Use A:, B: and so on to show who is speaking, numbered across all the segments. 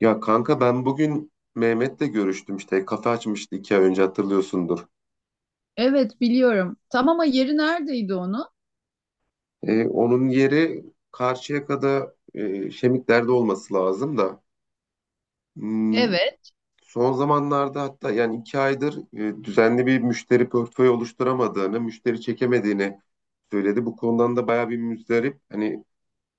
A: Ya kanka ben bugün Mehmet'le görüştüm, işte kafe açmıştı iki ay önce, hatırlıyorsundur.
B: Evet biliyorum. Tam ama yeri neredeydi onu?
A: Onun yeri Karşıyaka'da, Şemikler'de olması lazım da hmm,
B: Evet.
A: son zamanlarda, hatta yani iki aydır düzenli bir müşteri portföyü oluşturamadığını, müşteri çekemediğini söyledi. Bu konudan da bayağı bir müzdarip. Hani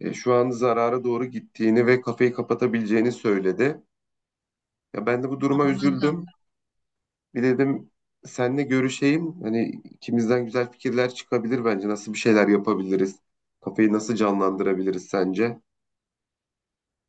A: şu an zarara doğru gittiğini ve kafeyi kapatabileceğini söyledi. Ya ben de bu duruma
B: Anladım.
A: üzüldüm. Bir dedim senle görüşeyim. Hani ikimizden güzel fikirler çıkabilir bence. Nasıl bir şeyler yapabiliriz? Kafayı nasıl canlandırabiliriz sence?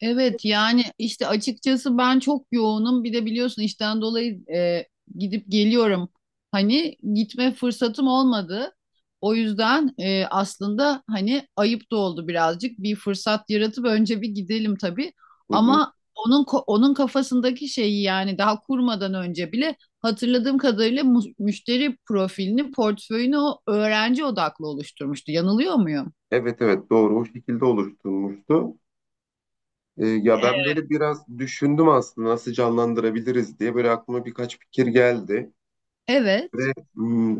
B: Evet yani işte açıkçası ben çok yoğunum. Bir de biliyorsun işten dolayı gidip geliyorum. Hani gitme fırsatım olmadı. O yüzden aslında hani ayıp da oldu birazcık. Bir fırsat yaratıp önce bir gidelim tabii.
A: Hı hı.
B: Ama onun kafasındaki şeyi yani daha kurmadan önce bile hatırladığım kadarıyla müşteri profilini, portföyünü o öğrenci odaklı oluşturmuştu. Yanılıyor muyum?
A: Evet evet, doğru, o şekilde oluşturulmuştu. Ya
B: E,
A: ben böyle biraz düşündüm, aslında nasıl canlandırabiliriz diye böyle aklıma birkaç fikir geldi. Ve
B: Evet.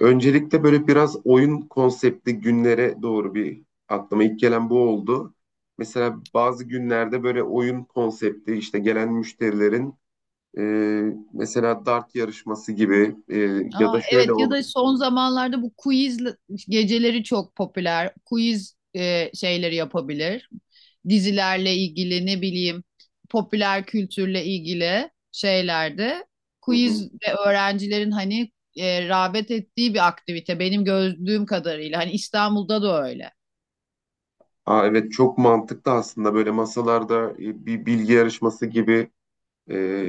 A: öncelikle böyle biraz oyun konseptli günlere doğru, bir aklıma ilk gelen bu oldu. Mesela bazı günlerde böyle oyun konsepti, işte gelen müşterilerin E, mesela dart yarışması gibi, ya
B: Aa,
A: da şöyle
B: evet ya
A: olur.
B: da son zamanlarda bu quiz geceleri çok popüler. Quiz şeyleri yapabilir. Dizilerle ilgili ne bileyim popüler kültürle ilgili şeylerde
A: Hı hı.
B: quiz ve öğrencilerin hani rağbet ettiği bir aktivite benim gördüğüm kadarıyla. Hani İstanbul'da da öyle.
A: Aa, evet çok mantıklı, aslında böyle masalarda bir bilgi yarışması gibi, e,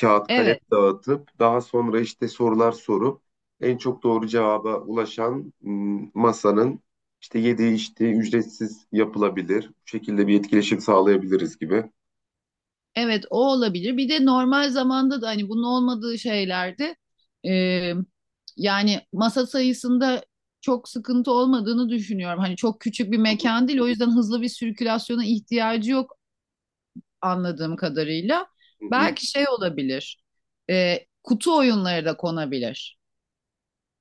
A: kağıt kalem
B: Evet.
A: dağıtıp daha sonra işte sorular sorup en çok doğru cevaba ulaşan masanın işte yediği, işte ücretsiz yapılabilir. Bu şekilde bir etkileşim sağlayabiliriz gibi.
B: Evet o olabilir. Bir de normal zamanda da hani bunun olmadığı şeylerde e, yani masa sayısında çok sıkıntı olmadığını düşünüyorum. Hani çok küçük bir mekan değil o yüzden hızlı bir sirkülasyona ihtiyacı yok anladığım kadarıyla.
A: Hı hı.
B: Belki şey olabilir, kutu oyunları da konabilir.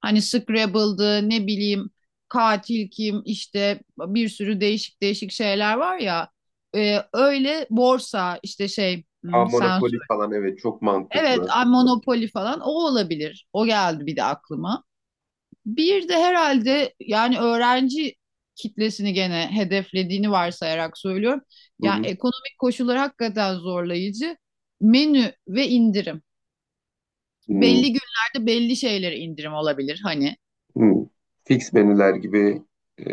B: Hani Scrabble'dı ne bileyim katil kim işte bir sürü değişik değişik şeyler var ya. Öyle borsa işte şey
A: Aa,
B: sen
A: Monopoly falan, evet çok
B: evet,
A: mantıklı.
B: ay Monopoly falan o olabilir. O geldi bir de aklıma. Bir de herhalde yani öğrenci kitlesini gene hedeflediğini varsayarak söylüyorum.
A: Hı
B: Yani
A: hı.
B: ekonomik koşullar hakikaten zorlayıcı. Menü ve indirim.
A: Hı.
B: Belli günlerde belli şeylere indirim olabilir hani.
A: Hmm. Fix menüler gibi, e,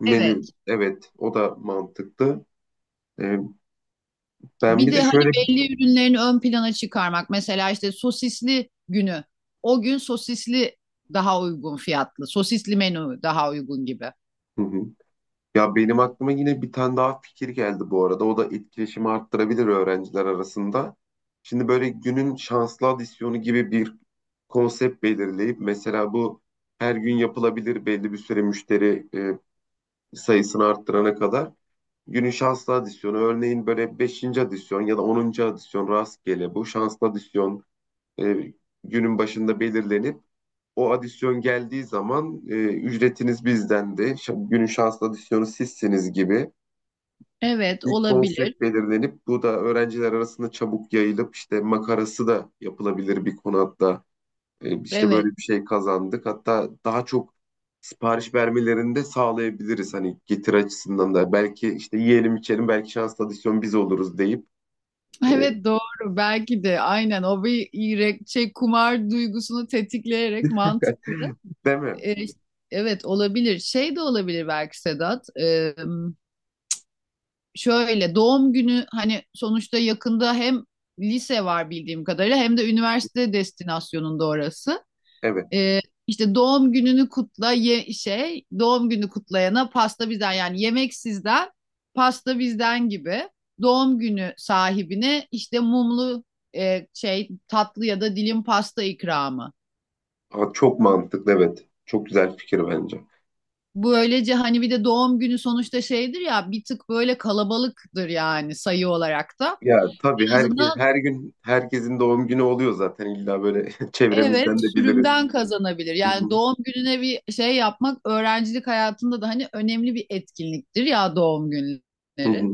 A: menü,
B: Evet.
A: evet o da mantıklı. E, Ben
B: Bir
A: bir
B: de
A: de
B: hani
A: şöyle.
B: belli ürünlerini ön plana çıkarmak. Mesela işte sosisli günü. O gün sosisli daha uygun fiyatlı. Sosisli menü daha uygun gibi.
A: Hı hı. Ya benim aklıma yine bir tane daha fikir geldi bu arada. O da etkileşimi arttırabilir öğrenciler arasında. Şimdi böyle günün şanslı adisyonu gibi bir konsept belirleyip, mesela bu her gün yapılabilir, belli bir süre müşteri sayısını arttırana kadar. Günün şanslı adisyonu örneğin böyle beşinci adisyon ya da onuncu adisyon, rastgele bu şanslı adisyon e, günün başında belirlenip o adisyon geldiği zaman ücretiniz bizdendi, günün şanslı adisyonu sizsiniz gibi
B: Evet,
A: bir
B: olabilir.
A: konsept belirlenip, bu da öğrenciler arasında çabuk yayılıp, işte makarası da yapılabilir bir konu hatta. İşte böyle
B: Evet.
A: bir şey kazandık. Hatta daha çok sipariş vermelerini de sağlayabiliriz, hani getir açısından da. Belki işte yiyelim içelim, belki şanslı adisyon biz oluruz deyip. E,
B: Evet doğru belki de aynen o bir şey kumar duygusunu tetikleyerek mantıklı.
A: Değil mi?
B: Ee, evet olabilir. Şey de olabilir belki Sedat. Şöyle doğum günü hani sonuçta yakında hem lise var bildiğim kadarıyla hem de üniversite destinasyonunda orası.
A: Evet.
B: Ee, işte doğum gününü kutla ye, şey doğum günü kutlayana pasta bizden yani yemek sizden pasta bizden gibi doğum günü sahibine işte mumlu şey tatlı ya da dilim pasta ikramı.
A: Aa, çok mantıklı, evet. Çok güzel fikir bence.
B: Böylece hani bir de doğum günü sonuçta şeydir ya bir tık böyle kalabalıktır yani sayı olarak da.
A: Ya tabii
B: En
A: her,
B: azından
A: her gün herkesin doğum günü oluyor zaten, illa böyle,
B: evet
A: çevremizden de biliriz.
B: sürümden kazanabilir.
A: Hı
B: Yani
A: hı,
B: doğum gününe bir şey yapmak öğrencilik hayatında da hani önemli bir etkinliktir ya doğum
A: hı
B: günleri.
A: hı,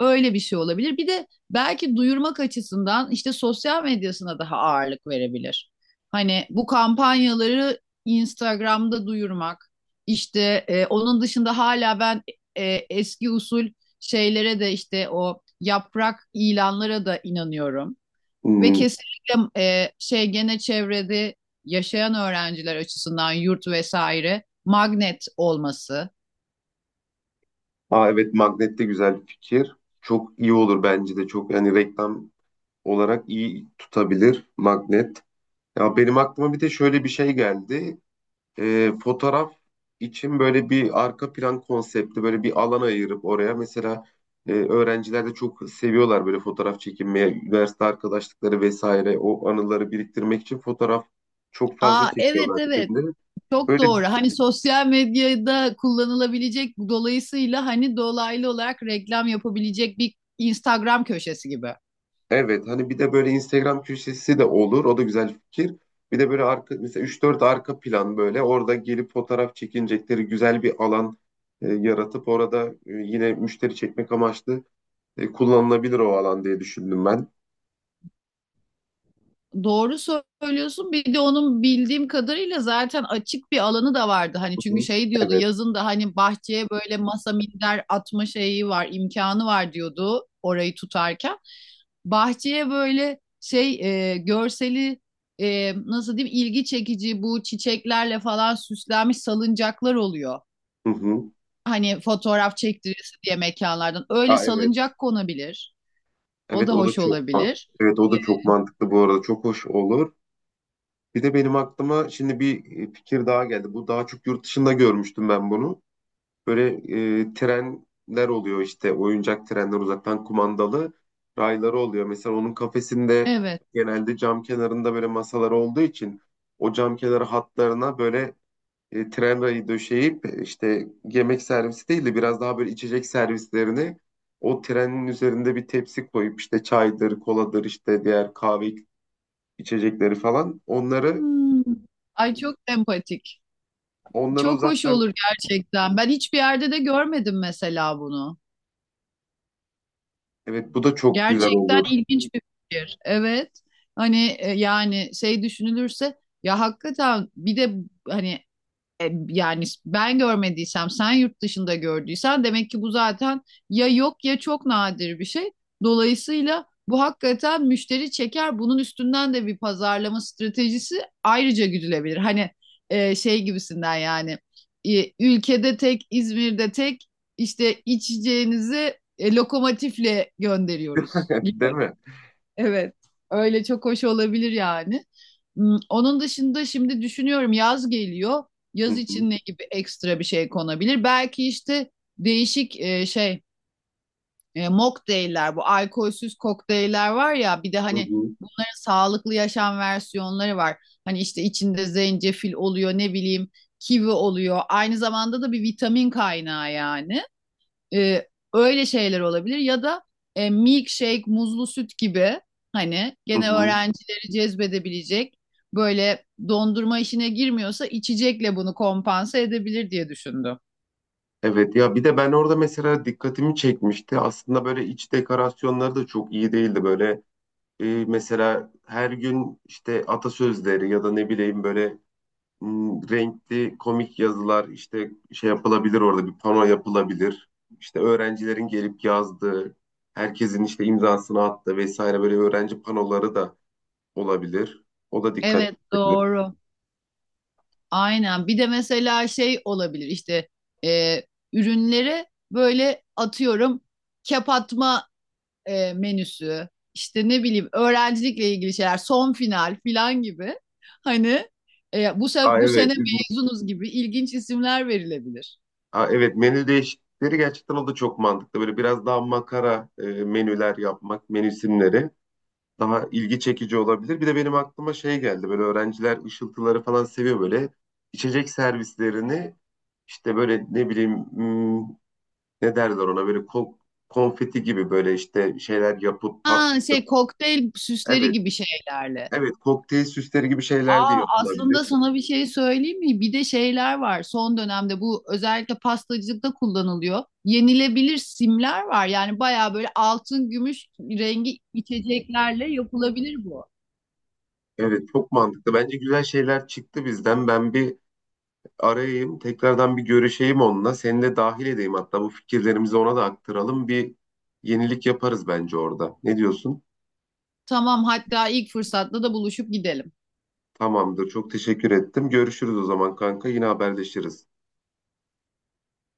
B: Öyle bir şey olabilir. Bir de belki duyurmak açısından işte sosyal medyasına daha ağırlık verebilir. Hani bu kampanyaları Instagram'da duyurmak, işte onun dışında hala ben e, eski usul şeylere de işte o yaprak ilanlara da inanıyorum. Ve
A: hı.
B: kesinlikle şey gene çevrede yaşayan öğrenciler açısından yurt vesaire magnet olması.
A: Aa, evet magnet de güzel bir fikir. Çok iyi olur bence de, çok yani reklam olarak iyi tutabilir magnet. Ya benim aklıma bir de şöyle bir şey geldi. Fotoğraf için böyle bir arka plan konsepti, böyle bir alan ayırıp oraya, mesela öğrenciler de çok seviyorlar böyle fotoğraf çekinmeye, üniversite arkadaşlıkları vesaire, o anıları biriktirmek için fotoğraf çok fazla
B: Aa evet
A: çekiyorlar
B: evet.
A: şimdi.
B: Çok
A: Böyle
B: doğru. Hani sosyal medyada kullanılabilecek dolayısıyla hani dolaylı olarak reklam yapabilecek bir Instagram köşesi gibi.
A: evet, hani bir de böyle Instagram köşesi de olur. O da güzel fikir. Bir de böyle arka, mesela üç dört arka plan, böyle orada gelip fotoğraf çekinecekleri güzel bir alan yaratıp orada yine müşteri çekmek amaçlı kullanılabilir o alan diye düşündüm ben.
B: Doğru söylüyorsun. Bir de onun bildiğim kadarıyla zaten açık bir alanı da vardı. Hani
A: Hı
B: çünkü
A: hı.
B: şey diyordu
A: Evet.
B: yazın da hani bahçeye böyle masa minder atma şeyi var, imkanı var diyordu orayı tutarken. Bahçeye böyle şey görseli nasıl diyeyim ilgi çekici bu çiçeklerle falan süslenmiş salıncaklar oluyor.
A: Hı hı.
B: Hani fotoğraf çektirisi diye mekanlardan. Öyle
A: Aa, evet.
B: salıncak konabilir. O
A: Evet
B: da
A: o da
B: hoş
A: çok mantıklı.
B: olabilir.
A: Evet o da çok mantıklı bu arada. Çok hoş olur. Bir de benim aklıma şimdi bir fikir daha geldi. Bu daha çok yurt dışında görmüştüm ben bunu. Böyle trenler oluyor, işte oyuncak trenler, uzaktan kumandalı rayları oluyor. Mesela onun kafesinde
B: Evet.
A: genelde cam kenarında böyle masalar olduğu için, o cam kenarı hatlarına böyle tren rayı döşeyip, işte yemek servisi değil de biraz daha böyle içecek servislerini o trenin üzerinde bir tepsi koyup, işte çaydır, koladır, işte diğer kahve içecekleri falan,
B: Hmm. Ay çok empatik.
A: onları
B: Çok hoş
A: uzaktan,
B: olur gerçekten. Ben hiçbir yerde de görmedim mesela bunu.
A: evet bu da çok güzel
B: Gerçekten
A: olur.
B: ilginç bir fikir. Evet. Hani yani şey düşünülürse ya hakikaten bir de hani yani ben görmediysem, sen yurt dışında gördüysen demek ki bu zaten ya yok ya çok nadir bir şey. Dolayısıyla bu hakikaten müşteri çeker. Bunun üstünden de bir pazarlama stratejisi ayrıca güdülebilir. Hani şey gibisinden yani ülkede tek, İzmir'de tek işte içeceğinizi lokomotifle gönderiyoruz.
A: Değil mi?
B: Evet, öyle çok hoş olabilir yani. Onun dışında şimdi düşünüyorum yaz geliyor.
A: Hı
B: Yaz
A: hı,
B: için ne gibi ekstra bir şey konabilir? Belki işte değişik şey mocktailler bu alkolsüz kokteyller var ya bir de
A: hı
B: hani
A: hı,
B: bunların sağlıklı yaşam versiyonları var. Hani işte içinde zencefil oluyor ne bileyim kivi oluyor. Aynı zamanda da bir vitamin kaynağı yani. E, Öyle şeyler olabilir ya da milkshake, muzlu süt gibi hani
A: hı
B: gene
A: hı.
B: öğrencileri cezbedebilecek böyle dondurma işine girmiyorsa içecekle bunu kompanse edebilir diye düşündüm.
A: Evet, ya bir de ben orada mesela dikkatimi çekmişti. Aslında böyle iç dekorasyonları da çok iyi değildi böyle. Mesela her gün işte atasözleri ya da ne bileyim böyle renkli komik yazılar, işte şey yapılabilir orada, bir pano yapılabilir. İşte öğrencilerin gelip yazdığı, herkesin işte imzasını attığı vesaire, böyle öğrenci panoları da olabilir. O da dikkat
B: Evet
A: edilebilir.
B: doğru. Aynen. Bir de mesela şey olabilir işte e, ürünleri böyle atıyorum kep atma menüsü, işte ne bileyim öğrencilikle ilgili şeyler, son final filan gibi. Hani
A: Aa
B: bu
A: evet.
B: sene
A: İzmir-
B: mezunuz gibi ilginç isimler verilebilir.
A: Aa, evet menü değişiklikleri, gerçekten o da çok mantıklı. Böyle biraz daha makara menüler yapmak, menü isimleri daha ilgi çekici olabilir. Bir de benim aklıma şey geldi. Böyle öğrenciler ışıltıları falan seviyor böyle. İçecek servislerini işte böyle ne bileyim, ne derler ona böyle, konfeti gibi böyle işte şeyler yapıp pat.
B: Ha şey kokteyl süsleri
A: Evet.
B: gibi şeylerle.
A: Evet kokteyl süsleri gibi şeyler de
B: Aa
A: yapılabilir.
B: aslında sana bir şey söyleyeyim mi? Bir de şeyler var. Son dönemde bu özellikle pastacılıkta kullanılıyor. Yenilebilir simler var. Yani bayağı böyle altın gümüş rengi içeceklerle yapılabilir bu.
A: Evet çok mantıklı. Bence güzel şeyler çıktı bizden. Ben bir arayayım. Tekrardan bir görüşeyim onunla. Seni de dahil edeyim hatta, bu fikirlerimizi ona da aktaralım. Bir yenilik yaparız bence orada. Ne diyorsun?
B: Tamam hatta ilk fırsatta da buluşup gidelim.
A: Tamamdır. Çok teşekkür ettim. Görüşürüz o zaman kanka. Yine haberleşiriz.